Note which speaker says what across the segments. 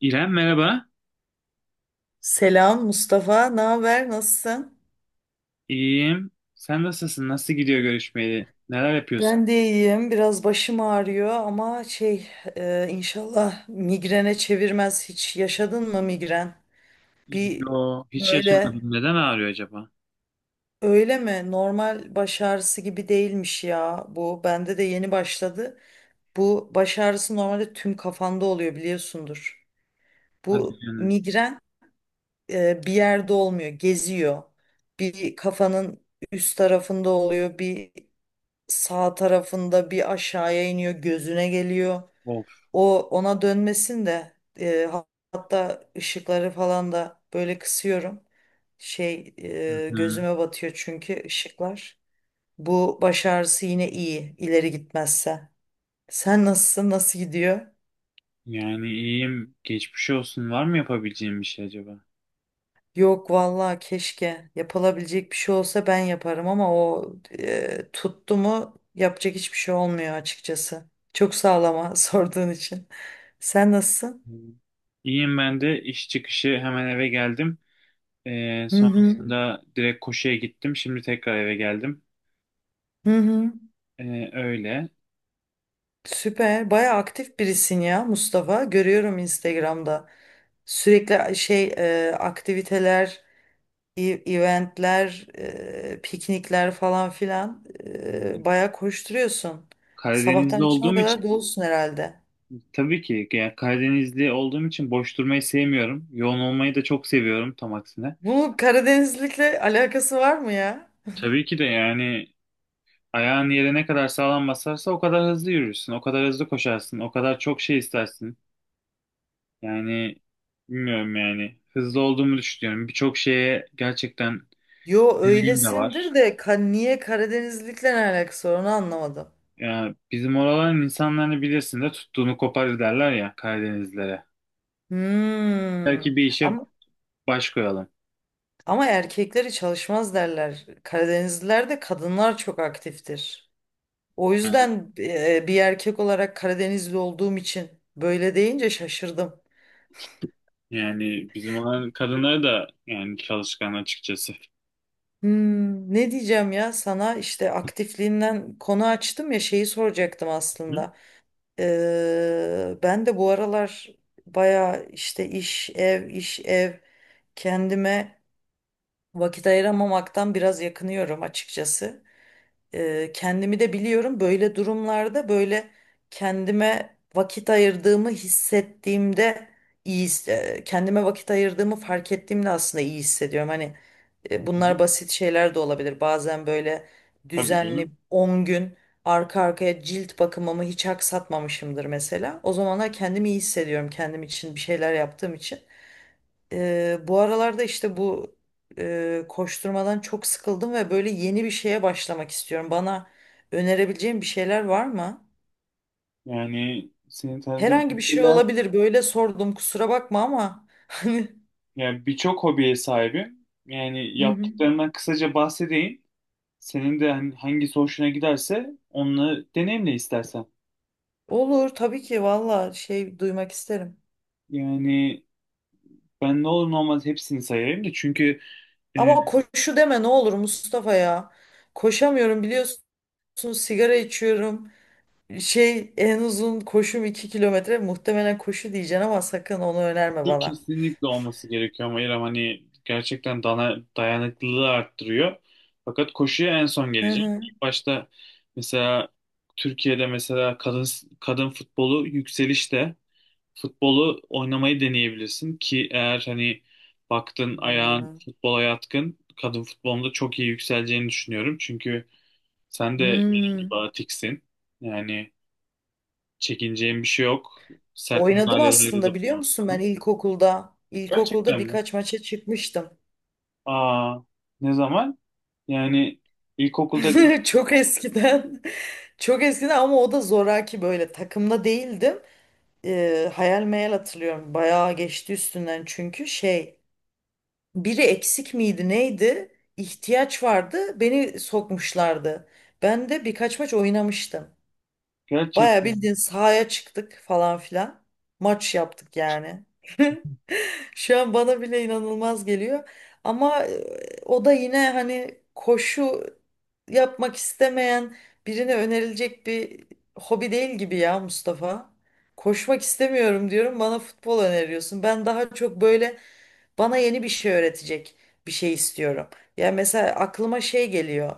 Speaker 1: İrem merhaba.
Speaker 2: Selam Mustafa, ne haber? Nasılsın?
Speaker 1: İyiyim. Sen nasılsın? Nasıl gidiyor görüşmeli? Neler yapıyorsun?
Speaker 2: Ben de iyiyim. Biraz başım ağrıyor ama şey inşallah migrene çevirmez. Hiç yaşadın mı migren? Bir
Speaker 1: Yo, hiç
Speaker 2: böyle
Speaker 1: yaşamadım. Neden ağrıyor acaba?
Speaker 2: öyle mi? Normal baş ağrısı gibi değilmiş ya bu. Bende de yeni başladı. Bu baş ağrısı normalde tüm kafanda oluyor biliyorsundur.
Speaker 1: Hadi
Speaker 2: Bu
Speaker 1: canım.
Speaker 2: migren bir yerde olmuyor, geziyor. Bir kafanın üst tarafında oluyor, bir sağ tarafında bir aşağıya iniyor gözüne geliyor.
Speaker 1: Of.
Speaker 2: O ona dönmesin de e, ha- hatta ışıkları falan da böyle kısıyorum. Şey
Speaker 1: Hı hı.
Speaker 2: gözüme batıyor çünkü ışıklar. Bu baş ağrısı yine iyi ileri gitmezse. Sen nasılsın? Nasıl gidiyor?
Speaker 1: Yani iyiyim. Geçmiş olsun. Var mı yapabileceğim bir şey acaba?
Speaker 2: Yok vallahi keşke yapılabilecek bir şey olsa ben yaparım ama o tuttu mu yapacak hiçbir şey olmuyor açıkçası. Çok sağlama sorduğun için. Sen nasılsın?
Speaker 1: Hı. İyiyim ben de. İş çıkışı hemen eve geldim.
Speaker 2: Hı hı.
Speaker 1: Sonrasında direkt koşuya gittim. Şimdi tekrar eve geldim.
Speaker 2: Hı hı.
Speaker 1: Öyle.
Speaker 2: Süper. Bayağı aktif birisin ya Mustafa. Görüyorum Instagram'da. Sürekli şey aktiviteler, eventler, piknikler falan filan
Speaker 1: Hı.
Speaker 2: bayağı koşturuyorsun. Sabahtan
Speaker 1: Karadeniz'de
Speaker 2: akşama
Speaker 1: olduğum için
Speaker 2: kadar dolusun herhalde.
Speaker 1: tabii ki yani Karadenizli olduğum için boş durmayı sevmiyorum. Yoğun olmayı da çok seviyorum, tam aksine.
Speaker 2: Bunun Karadenizlikle alakası var mı ya?
Speaker 1: Tabii ki de yani ayağın yere ne kadar sağlam basarsa o kadar hızlı yürürsün, o kadar hızlı koşarsın, o kadar çok şey istersin. Yani bilmiyorum, yani hızlı olduğumu düşünüyorum. Birçok şeye gerçekten
Speaker 2: Yo
Speaker 1: deneyim de
Speaker 2: öylesindir
Speaker 1: var.
Speaker 2: de niye Karadenizlikle ne alakası var onu anlamadım.
Speaker 1: Yani bizim oraların insanlarını bilirsin de, tuttuğunu koparır derler ya Karadenizlilere.
Speaker 2: Hmm.
Speaker 1: Belki bir işe
Speaker 2: Ama
Speaker 1: baş koyalım.
Speaker 2: Ama erkekleri çalışmaz derler. Karadenizlilerde kadınlar çok aktiftir. O
Speaker 1: Yani
Speaker 2: yüzden bir erkek olarak Karadenizli olduğum için böyle deyince şaşırdım.
Speaker 1: yani bizim olan kadınları da yani çalışkan açıkçası.
Speaker 2: Hmm, ne diyeceğim ya sana işte aktifliğinden konu açtım ya şeyi soracaktım
Speaker 1: Hı?
Speaker 2: aslında. Ben de bu aralar baya işte iş ev iş ev kendime vakit ayıramamaktan biraz yakınıyorum açıkçası. Kendimi de biliyorum böyle durumlarda böyle kendime vakit ayırdığımı hissettiğimde iyi kendime vakit ayırdığımı fark ettiğimde aslında iyi hissediyorum. Hani
Speaker 1: Hı hı.
Speaker 2: bunlar basit şeyler de olabilir. Bazen böyle
Speaker 1: Tabii canım.
Speaker 2: düzenli 10 gün arka arkaya cilt bakımımı hiç aksatmamışımdır mesela. O zamanlar kendimi iyi hissediyorum kendim için bir şeyler yaptığım için. Bu aralarda işte bu koşturmadan çok sıkıldım ve böyle yeni bir şeye başlamak istiyorum. Bana önerebileceğin bir şeyler var mı?
Speaker 1: Yani seni tanıdığım
Speaker 2: Herhangi bir şey
Speaker 1: kadarıyla
Speaker 2: olabilir. Böyle sordum kusura bakma ama hani.
Speaker 1: yani birçok hobiye sahibim. Yani
Speaker 2: Hı hı.
Speaker 1: yaptıklarından kısaca bahsedeyim. Senin de hani hangisi hoşuna giderse onunla deneyimle istersen.
Speaker 2: Olur tabii ki valla şey duymak isterim.
Speaker 1: Yani ben ne olur ne olmaz hepsini sayayım da, çünkü e,
Speaker 2: Ama koşu deme ne olur Mustafa ya. Koşamıyorum biliyorsun sigara içiyorum. Şey en uzun koşum 2 kilometre muhtemelen koşu diyeceksin ama sakın onu önerme
Speaker 1: şu
Speaker 2: bana.
Speaker 1: kesinlikle olması gerekiyor ama İrem, hani gerçekten dayanıklılığı arttırıyor. Fakat koşuya en son geleceğim.
Speaker 2: Hı
Speaker 1: İlk başta mesela Türkiye'de mesela kadın futbolu yükselişte. Futbolu oynamayı deneyebilirsin ki, eğer hani baktın ayağın
Speaker 2: hı.
Speaker 1: futbola yatkın, kadın futbolunda çok iyi yükseleceğini düşünüyorum. Çünkü sen de benim gibi
Speaker 2: Hmm.
Speaker 1: atiksin. Yani çekineceğin bir şey yok. Sert
Speaker 2: Oynadım
Speaker 1: müdahalelerde de
Speaker 2: aslında biliyor musun ben
Speaker 1: bulunursun.
Speaker 2: ilkokulda. İlkokulda
Speaker 1: Gerçekten mi?
Speaker 2: birkaç maça çıkmıştım.
Speaker 1: Aa, ne zaman? Yani ilkokulda
Speaker 2: Çok eskiden. Çok eskiden ama o da zoraki böyle takımda değildim. Hayal meyal hatırlıyorum. Bayağı geçti üstünden çünkü şey biri eksik miydi neydi? İhtiyaç vardı. Beni sokmuşlardı. Ben de birkaç maç oynamıştım. Bayağı
Speaker 1: gerçekten
Speaker 2: bildiğin sahaya çıktık falan filan. Maç yaptık yani. Şu an bana bile inanılmaz geliyor. Ama o da yine hani koşu yapmak istemeyen birine önerilecek bir hobi değil gibi ya Mustafa. Koşmak istemiyorum diyorum bana futbol öneriyorsun. Ben daha çok böyle bana yeni bir şey öğretecek bir şey istiyorum. Ya mesela aklıma şey geliyor.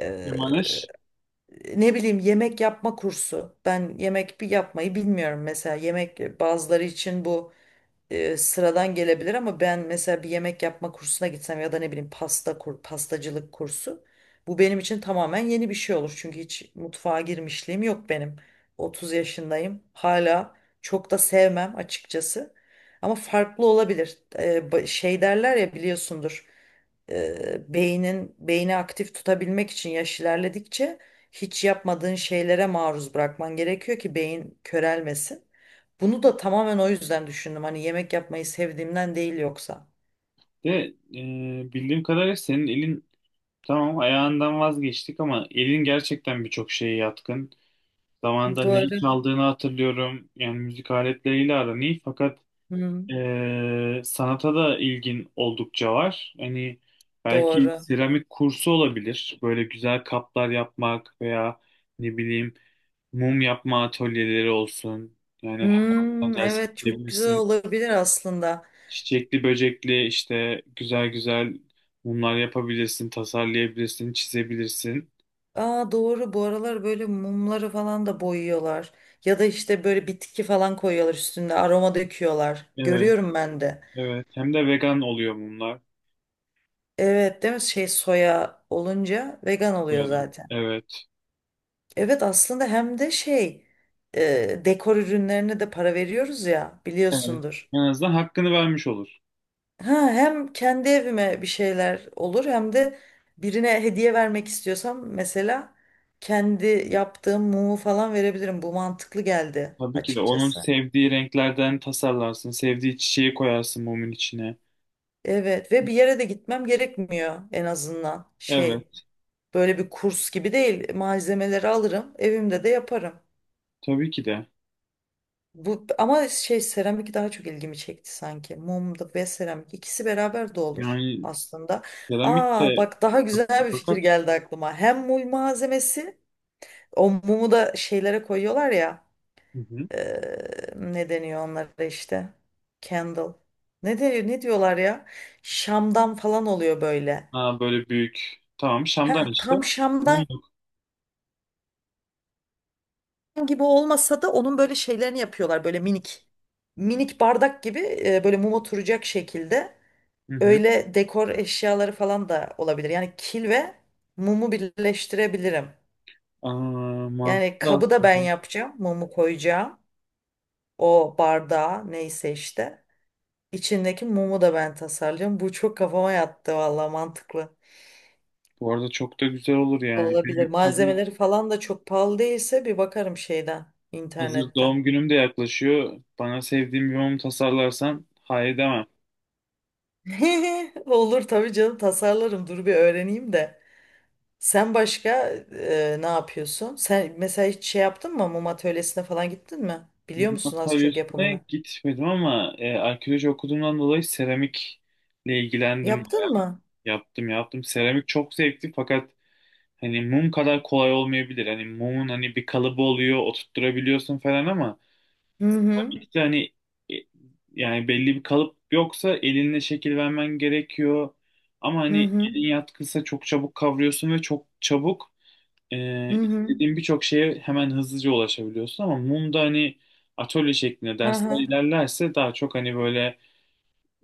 Speaker 2: e,
Speaker 1: Emaneş
Speaker 2: ne bileyim yemek yapma kursu. Ben yemek bir yapmayı bilmiyorum mesela. Yemek bazıları için bu sıradan gelebilir ama ben mesela bir yemek yapma kursuna gitsem ya da ne bileyim pastacılık kursu bu benim için tamamen yeni bir şey olur. Çünkü hiç mutfağa girmişliğim yok benim. 30 yaşındayım. Hala çok da sevmem açıkçası. Ama farklı olabilir. Şey derler ya biliyorsundur. Beynin beyni aktif tutabilmek için yaş ilerledikçe hiç yapmadığın şeylere maruz bırakman gerekiyor ki beyin körelmesin. Bunu da tamamen o yüzden düşündüm. Hani yemek yapmayı sevdiğimden değil yoksa.
Speaker 1: de bildiğim kadarıyla senin elin, tamam ayağından vazgeçtik ama elin gerçekten birçok şeye yatkın. Zamanında neyi
Speaker 2: Doğru.
Speaker 1: çaldığını hatırlıyorum. Yani müzik aletleriyle aran iyi, fakat
Speaker 2: Hı,
Speaker 1: sanata da ilgin oldukça var. Hani belki
Speaker 2: doğru.
Speaker 1: seramik kursu olabilir. Böyle güzel kaplar yapmak veya ne bileyim mum yapma atölyeleri olsun. Yani her hafta
Speaker 2: Hmm,
Speaker 1: ders
Speaker 2: evet çok güzel
Speaker 1: verebilirsin.
Speaker 2: olabilir aslında.
Speaker 1: Çiçekli böcekli işte güzel güzel mumlar yapabilirsin, tasarlayabilirsin, çizebilirsin.
Speaker 2: Aa doğru bu aralar böyle mumları falan da boyuyorlar. Ya da işte böyle bitki falan koyuyorlar üstünde aroma döküyorlar.
Speaker 1: Evet,
Speaker 2: Görüyorum ben de.
Speaker 1: evet. Hem de vegan oluyor mumlar.
Speaker 2: Evet değil mi? Şey soya olunca vegan
Speaker 1: Bu
Speaker 2: oluyor
Speaker 1: yana.
Speaker 2: zaten.
Speaker 1: Evet.
Speaker 2: Evet aslında hem de şey dekor ürünlerine de para veriyoruz ya
Speaker 1: Evet.
Speaker 2: biliyorsundur.
Speaker 1: En azından hakkını vermiş olur.
Speaker 2: Ha, hem kendi evime bir şeyler olur hem de birine hediye vermek istiyorsam mesela kendi yaptığım mumu falan verebilirim. Bu mantıklı geldi
Speaker 1: Tabii ki de onun
Speaker 2: açıkçası.
Speaker 1: sevdiği renklerden tasarlarsın. Sevdiği çiçeği koyarsın mumun içine.
Speaker 2: Evet ve bir yere de gitmem gerekmiyor en azından şey
Speaker 1: Evet.
Speaker 2: böyle bir kurs gibi değil malzemeleri alırım evimde de yaparım.
Speaker 1: Tabii ki de.
Speaker 2: Bu ama şey seramik daha çok ilgimi çekti sanki. Mum da ve seramik ikisi beraber de olur
Speaker 1: Yani
Speaker 2: aslında.
Speaker 1: seramik
Speaker 2: Aa
Speaker 1: de
Speaker 2: bak daha güzel bir fikir
Speaker 1: fakat
Speaker 2: geldi aklıma. Hem mum malzemesi. O mumu da şeylere koyuyorlar ya.
Speaker 1: hı hı.
Speaker 2: Ne deniyor onlara işte? Candle. Ne diyor, ne diyorlar ya? Şamdan falan oluyor böyle.
Speaker 1: Aa, böyle büyük. Tamam,
Speaker 2: Heh,
Speaker 1: şamdan işte.
Speaker 2: tam şamdan
Speaker 1: Mumluk.
Speaker 2: gibi olmasa da onun böyle şeylerini yapıyorlar böyle minik. Minik bardak gibi böyle mum oturacak şekilde.
Speaker 1: Hı hı.
Speaker 2: Öyle dekor eşyaları falan da olabilir. Yani kil ve mumu birleştirebilirim.
Speaker 1: Aa,
Speaker 2: Yani
Speaker 1: mantıklı
Speaker 2: kabı da ben
Speaker 1: aslında.
Speaker 2: yapacağım. Mumu koyacağım. O bardağa neyse işte. İçindeki mumu da ben tasarlıyorum. Bu çok kafama yattı valla mantıklı.
Speaker 1: Bu arada çok da güzel olur yani.
Speaker 2: Olabilir. Malzemeleri falan da çok pahalı değilse bir bakarım şeyden,
Speaker 1: Hazır
Speaker 2: internetten.
Speaker 1: doğum günüm de yaklaşıyor. Bana sevdiğim bir mum tasarlarsan hayır demem.
Speaker 2: Olur tabii canım tasarlarım. Dur bir öğreneyim de. Sen başka ne yapıyorsun? Sen mesela hiç şey yaptın mı? Mum atölyesine falan gittin mi? Biliyor musun az
Speaker 1: Antalya
Speaker 2: çok
Speaker 1: üstüne
Speaker 2: yapımını?
Speaker 1: gitmedim ama arkeoloji okuduğumdan dolayı seramikle ilgilendim.
Speaker 2: Yaptın mı?
Speaker 1: Yaptım, yaptım. Seramik çok zevkli, fakat hani mum kadar kolay olmayabilir. Hani mumun hani bir kalıbı oluyor, oturtturabiliyorsun falan, ama
Speaker 2: Hı hı.
Speaker 1: işte hani, e, yani belli bir kalıp yoksa elinle şekil vermen gerekiyor. Ama
Speaker 2: Hı
Speaker 1: hani
Speaker 2: hı.
Speaker 1: elin yatkınsa çok çabuk kavruyorsun ve çok çabuk
Speaker 2: Hı hı.
Speaker 1: istediğin birçok şeye hemen hızlıca ulaşabiliyorsun, ama mumda hani atölye şeklinde
Speaker 2: Hı
Speaker 1: dersler
Speaker 2: hı.
Speaker 1: ilerlerse daha çok hani böyle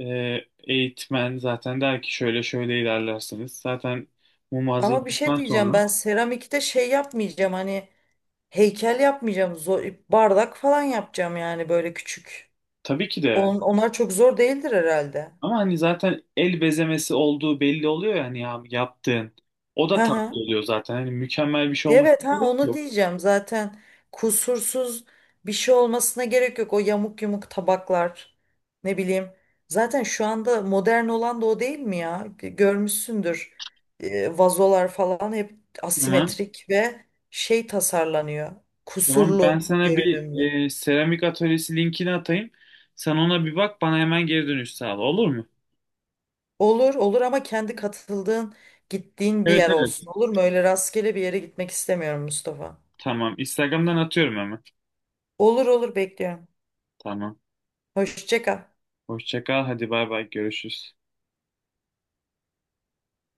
Speaker 1: e, eğitmen zaten der ki şöyle şöyle ilerlersiniz. Zaten mum
Speaker 2: Ama bir şey
Speaker 1: hazırladıktan
Speaker 2: diyeceğim ben
Speaker 1: sonra
Speaker 2: seramikte şey yapmayacağım hani. Heykel yapmayacağım. Bardak falan yapacağım yani böyle küçük.
Speaker 1: tabii ki de,
Speaker 2: Onlar çok zor değildir herhalde.
Speaker 1: ama hani zaten el bezemesi olduğu belli oluyor, yani ya hani yaptığın. O
Speaker 2: Hı
Speaker 1: da tatlı
Speaker 2: hı.
Speaker 1: oluyor zaten. Hani mükemmel bir şey olması
Speaker 2: Evet ha
Speaker 1: gerek
Speaker 2: onu
Speaker 1: yok.
Speaker 2: diyeceğim zaten kusursuz bir şey olmasına gerek yok o yamuk yumuk tabaklar ne bileyim zaten şu anda modern olan da o değil mi ya görmüşsündür. Vazolar falan hep
Speaker 1: Tamam.
Speaker 2: asimetrik ve şey tasarlanıyor
Speaker 1: Tamam. Ben
Speaker 2: kusurlu
Speaker 1: sana bir
Speaker 2: görünümlü.
Speaker 1: seramik atölyesi linkini atayım. Sen ona bir bak, bana hemen geri dönüş sağla, olur mu?
Speaker 2: Olur olur ama kendi katıldığın gittiğin bir
Speaker 1: Evet,
Speaker 2: yer olsun
Speaker 1: evet.
Speaker 2: olur mu? Öyle rastgele bir yere gitmek istemiyorum Mustafa.
Speaker 1: Tamam. Instagram'dan atıyorum hemen.
Speaker 2: Olur olur bekliyorum.
Speaker 1: Tamam.
Speaker 2: Hoşça kal.
Speaker 1: Hoşça kal. Hadi bay bay. Görüşürüz.